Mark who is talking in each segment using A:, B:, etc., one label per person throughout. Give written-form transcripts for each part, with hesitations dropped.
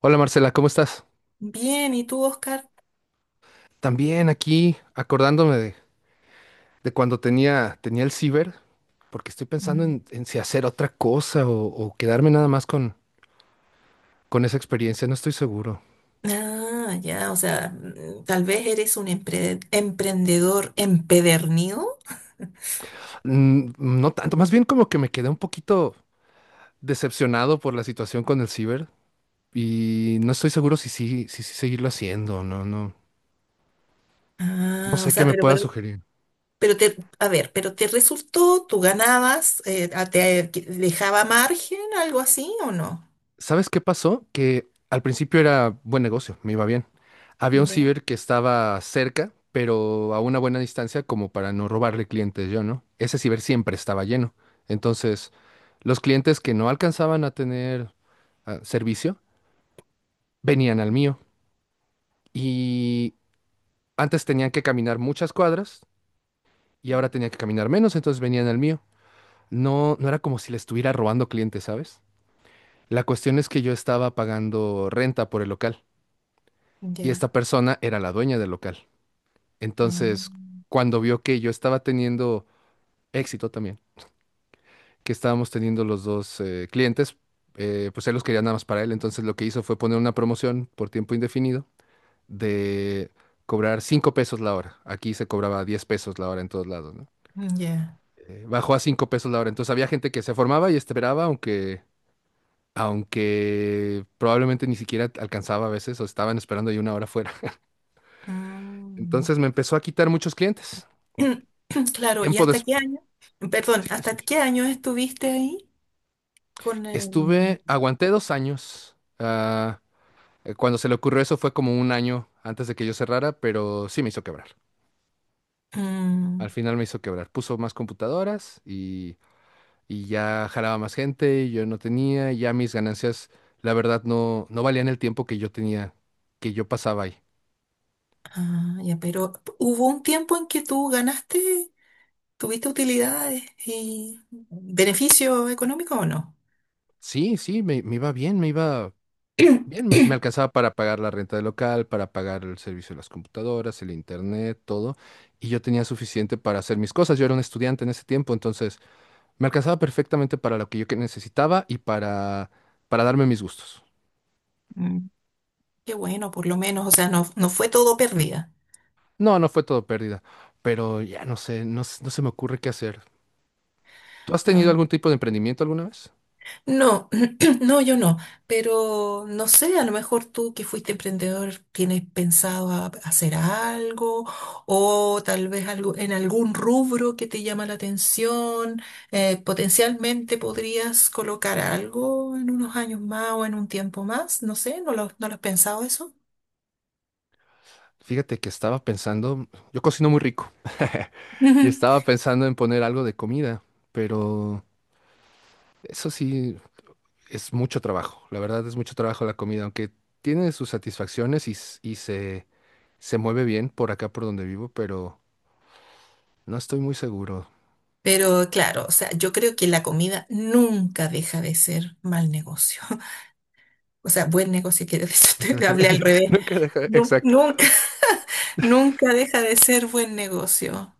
A: Hola Marcela, ¿cómo estás?
B: Bien, ¿y tú, Oscar?
A: También aquí acordándome de cuando tenía el ciber, porque estoy pensando
B: Mm.
A: en si hacer otra cosa o quedarme nada más con esa experiencia, no estoy seguro.
B: Ah, ya, o sea, tal vez eres un emprendedor empedernido.
A: No tanto, más bien como que me quedé un poquito decepcionado por la situación con el ciber y no estoy seguro si sí seguirlo haciendo, no, no, no
B: Ah, o
A: sé qué
B: sea,
A: me
B: pero,
A: pueda
B: pero,
A: sugerir.
B: pero te, a ver, pero te resultó, tú ganabas, dejaba margen, algo así, ¿o no?
A: ¿Sabes qué pasó? Que al principio era buen negocio, me iba bien. Había un
B: Ya,
A: ciber que estaba cerca, pero a una buena distancia como para no robarle clientes yo, ¿no? Ese ciber siempre estaba lleno. Entonces, los clientes que no alcanzaban a tener servicio venían al mío. Y antes tenían que caminar muchas cuadras y ahora tenían que caminar menos, entonces venían al mío. No, no era como si le estuviera robando clientes, ¿sabes? La cuestión es que yo estaba pagando renta por el local. Y
B: ya,
A: esta persona era la dueña del local.
B: ah,
A: Entonces, cuando vio que yo estaba teniendo éxito también, que estábamos teniendo los dos clientes, pues él los quería nada más para él. Entonces, lo que hizo fue poner una promoción por tiempo indefinido de cobrar 5 pesos la hora. Aquí se cobraba 10 pesos la hora en todos lados, ¿no?
B: ya.
A: Bajó a 5 pesos la hora. Entonces, había gente que se formaba y esperaba, aunque probablemente ni siquiera alcanzaba a veces o estaban esperando ahí una hora fuera.
B: Mm.
A: Entonces, me empezó a quitar muchos clientes.
B: Claro, ¿y
A: Tiempo.
B: hasta qué año? Perdón,
A: Sí, te
B: ¿hasta
A: escucho.
B: qué año estuviste ahí con el...
A: Estuve, aguanté 2 años. Cuando se le ocurrió eso fue como un año antes de que yo cerrara, pero sí me hizo quebrar.
B: Mm.
A: Al final me hizo quebrar. Puso más computadoras y ya jalaba más gente y yo no tenía, y ya mis ganancias, la verdad, no, no valían el tiempo que yo tenía, que yo pasaba ahí.
B: Ah, ya, pero hubo un tiempo en que tú ganaste, ¿tuviste utilidades y beneficio económico o no?
A: Sí, sí, me iba bien, me iba bien, me me alcanzaba para pagar la renta del local, para pagar el servicio de las computadoras, el internet, todo. Y yo tenía suficiente para hacer mis cosas. Yo era un estudiante en ese tiempo, entonces me alcanzaba perfectamente para lo que yo que necesitaba y para darme mis gustos.
B: Mm, qué bueno, por lo menos, o sea, no no fue todo pérdida.
A: No, no fue todo pérdida, pero ya no sé, no, no se me ocurre qué hacer. ¿Tú has
B: Ah,
A: tenido algún tipo de emprendimiento alguna vez?
B: no, no, yo no, pero no sé, a lo mejor tú que fuiste emprendedor tienes pensado hacer algo o tal vez algo en algún rubro que te llama la atención, potencialmente podrías colocar algo en unos años más o en un tiempo más. No sé, no lo has pensado eso.
A: Fíjate que estaba pensando, yo cocino muy rico y
B: Ujú.
A: estaba pensando en poner algo de comida, pero eso sí, es mucho trabajo, la verdad es mucho trabajo la comida, aunque tiene sus satisfacciones y se mueve bien por acá por donde vivo, pero no estoy muy seguro.
B: Pero claro, o sea, yo creo que la comida nunca deja de ser mal negocio. O sea, buen negocio, quiero decir,
A: Nunca
B: te
A: deja,
B: hablé al
A: de-
B: revés.
A: nunca deja, exacto.
B: Nunca. Nunca deja de ser buen negocio.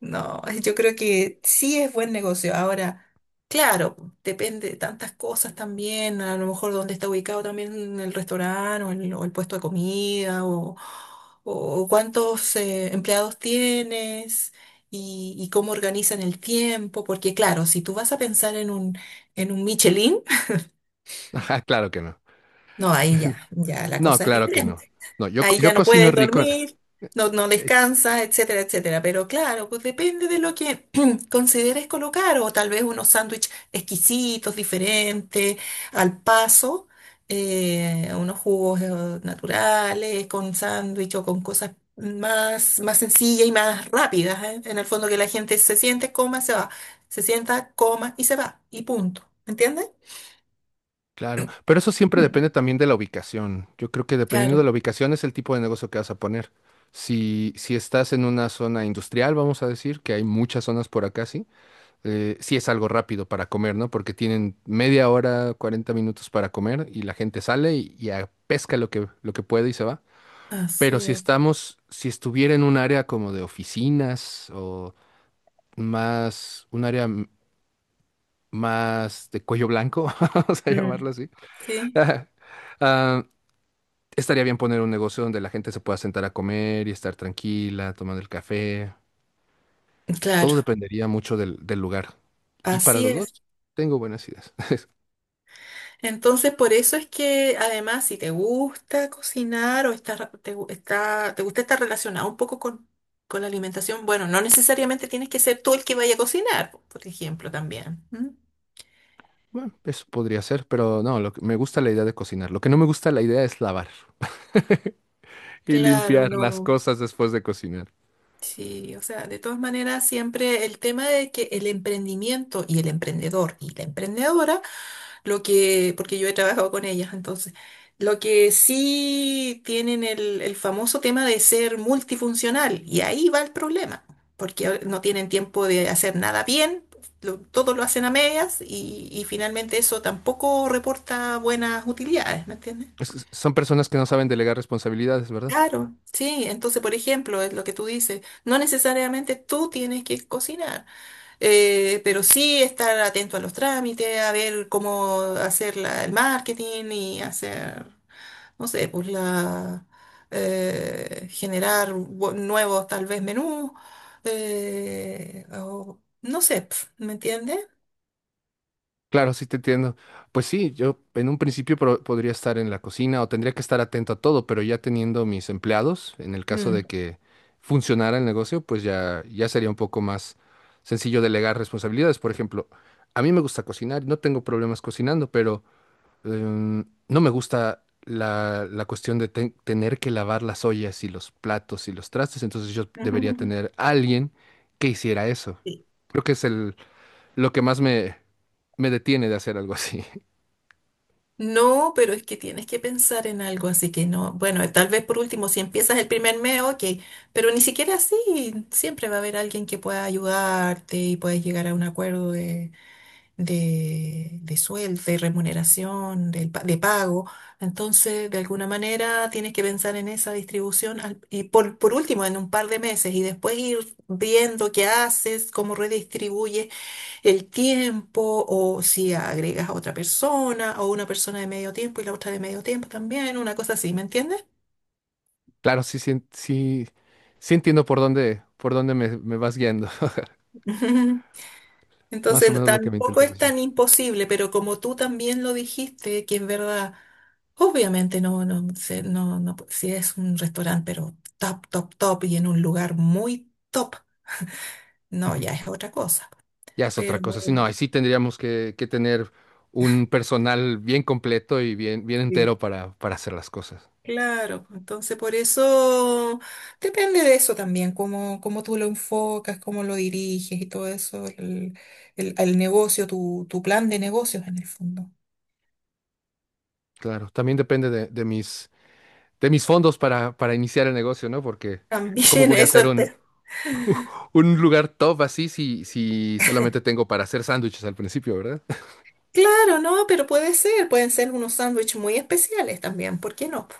B: No, yo creo que sí es buen negocio. Ahora, claro, depende de tantas cosas también, a lo mejor dónde está ubicado también el restaurante o el puesto de comida, o cuántos empleados tienes y cómo organizan el tiempo, porque claro, si tú vas a pensar en un Michelin,
A: Ajá, claro que no.
B: no, ahí ya, ya la
A: No,
B: cosa es
A: claro que no.
B: diferente.
A: No, yo, co-
B: Ahí ya
A: yo
B: no
A: cocino
B: puedes
A: rico.
B: dormir, no no
A: ex-
B: descansas, etcétera, etcétera. Pero claro, pues depende de lo que consideres colocar, o tal vez unos sándwiches exquisitos, diferentes, al paso, unos jugos naturales, con sándwich o con cosas más, más sencillas y más rápidas, ¿eh? En el fondo que la gente se siente, coma, se va. Se sienta, coma y se va. Y punto. ¿Entiendes?
A: claro, pero eso siempre
B: Mm.
A: depende también de la ubicación. Yo creo que dependiendo de
B: Claro,
A: la ubicación es el tipo de negocio que vas a poner. Si, si estás en una zona industrial, vamos a decir, que hay muchas zonas por acá, sí, sí es algo rápido para comer, ¿no? Porque tienen media hora, 40 minutos para comer y la gente sale y pesca lo que puede y se va. Pero
B: así
A: si
B: es.
A: estamos, si estuviera en un área como de oficinas o más, un área más de cuello blanco, vamos a llamarlo
B: Mm.
A: así,
B: Sí.
A: ah, estaría bien poner un negocio donde la gente se pueda sentar a comer y estar tranquila, tomando el café. Todo
B: Claro,
A: dependería mucho del, del lugar. Y para
B: así
A: los
B: es.
A: dos, tengo buenas ideas.
B: Entonces, por eso es que además, si te gusta cocinar o estás te, gu- está- te gusta estar relacionado un poco con la alimentación, bueno, no necesariamente tienes que ser tú el que vaya a cocinar, por ejemplo, también. ¿M?
A: Bueno, eso podría ser, pero no, lo que, me gusta la idea de cocinar. Lo que no me gusta la idea es lavar y
B: Claro,
A: limpiar las
B: no.
A: cosas después de cocinar.
B: Sí, o sea, de todas maneras, siempre el tema de que el emprendimiento y el emprendedor y la emprendedora. Lo que, porque yo he trabajado con ellas, entonces. Lo que sí tienen el famoso tema de ser multifuncional, y ahí va el problema, porque no tienen tiempo de hacer nada bien, todo lo hacen a medias, y finalmente eso tampoco reporta buenas utilidades, ¿me entiendes?
A: Es que son personas que no saben delegar responsabilidades, ¿verdad?
B: Claro, sí, entonces por ejemplo, es lo que tú dices, no necesariamente tú tienes que cocinar, pero sí estar atento a los trámites, a ver cómo hacer el marketing y hacer, no sé, pues la, generar nuevos tal vez menús, o, no sé, pf, ¿me entiendes?
A: Claro, sí te entiendo. Pues sí, yo en un principio podría estar en la cocina o tendría que estar atento a todo, pero ya teniendo mis empleados, en el caso de
B: Mm.
A: que funcionara el negocio, pues ya, ya sería un poco más sencillo delegar responsabilidades. Por ejemplo, a mí me gusta cocinar, no tengo problemas cocinando, pero no me gusta la, la cuestión de tener que lavar las ollas y los platos y los trastes, entonces yo debería tener a alguien que hiciera eso.
B: Sí.
A: Creo que es el, lo que más me me detiene de hacer algo así.
B: No, pero es que tienes que pensar en algo, así que no. Bueno, tal vez por último, si empiezas el primer mes, ok, pero ni siquiera así, siempre va a haber alguien que pueda ayudarte y puedes llegar a un acuerdo de sueldo, de remuneración, pago. Entonces, de alguna manera, tienes que pensar en esa distribución y por último, en un par de meses y después ir viendo qué haces, cómo redistribuyes el tiempo, o si agregas a otra persona, o una persona de medio tiempo y la otra de medio tiempo también, una cosa así, ¿me entiendes?
A: Claro, sí, sí, sí, sí entiendo por dónde me, me vas guiando. Más o
B: Entonces
A: menos lo que me
B: tampoco
A: intentas
B: es tan
A: decir.
B: imposible, pero como tú también lo dijiste, que en verdad, obviamente no, no, no, no, si es un restaurante, pero top, top, top y en un lugar muy top, no, ya es otra cosa.
A: Ya es otra
B: Pero
A: cosa. Sí, no, ahí sí tendríamos que tener un personal bien completo y bien, bien
B: sí,
A: entero para hacer las cosas.
B: claro, entonces por eso depende de eso también, cómo, cómo tú lo enfocas, cómo lo diriges y todo eso, el negocio, tu plan de negocios en el fondo.
A: Claro, también depende de de mis fondos para iniciar el negocio, ¿no? Porque ¿cómo
B: También
A: voy a
B: eso.
A: hacer un lugar top así si, si solamente tengo para hacer sándwiches al principio, ¿verdad?
B: Claro, no, pero puede ser, pueden ser unos sándwiches muy especiales también, ¿por qué no? ¿Po?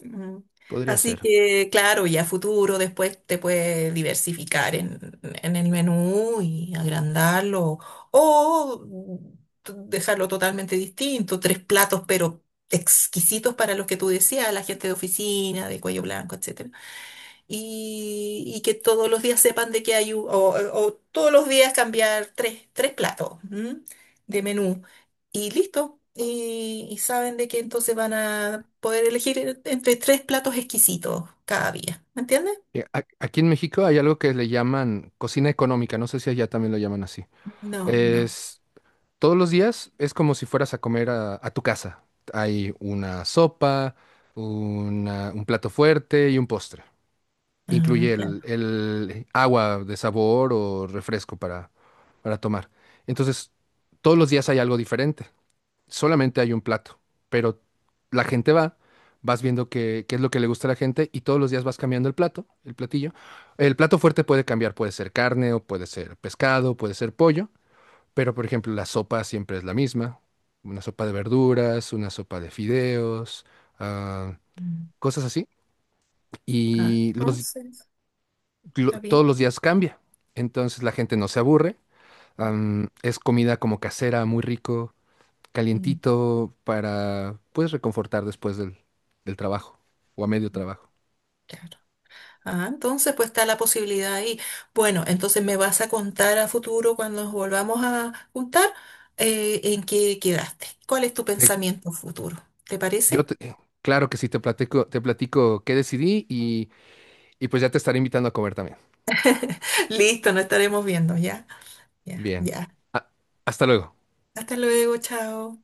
B: Mm.
A: Podría
B: Así
A: ser.
B: que, claro, ya a futuro después te puedes diversificar en el menú y agrandarlo, o dejarlo totalmente distinto, tres platos, pero exquisitos para los que tú decías, la gente de oficina, de cuello blanco, etcétera, y que todos los días sepan de que hay, o todos los días cambiar tres, tres platos, ¿m? De menú y listo. Y saben de que entonces van a poder elegir entre tres platos exquisitos cada día. ¿Me entiendes?
A: Aquí en México hay algo que le llaman cocina económica, no sé si allá también lo llaman así.
B: No, no.
A: Es, Todos los días es como si fueras a comer a tu casa. Hay una sopa, un plato fuerte y un postre,
B: Ah,
A: incluye el,
B: claro.
A: el agua de sabor o refresco para tomar. Entonces, todos los días hay algo diferente. Solamente hay un plato, pero la gente va, vas viendo qué es lo que le gusta a la gente y todos los días vas cambiando el plato, el platillo. El plato fuerte puede cambiar, puede ser carne o puede ser pescado, puede ser pollo, pero por ejemplo, la sopa siempre es la misma. Una sopa de verduras, una sopa de fideos, ah,
B: Mm.
A: cosas así.
B: Ah,
A: Y los,
B: entonces, está bien.
A: Todos los días cambia. Entonces la gente no se aburre.
B: Mm,
A: Es comida como casera, muy rico, calientito, para pues reconfortar después del trabajo o a medio
B: mm.
A: trabajo.
B: Claro. Ah, entonces pues está la posibilidad ahí. Bueno, entonces me vas a contar a futuro cuando nos volvamos a juntar, en qué quedaste. ¿Cuál es tu
A: Eh,
B: pensamiento futuro? ¿Te
A: yo
B: parece?
A: te- eh, claro que sí te platico qué decidí y pues ya te estaré invitando a comer también.
B: Listo, nos estaremos viendo, ya, ya,
A: Bien.
B: ya.
A: Ah, hasta luego.
B: Hasta luego, chao.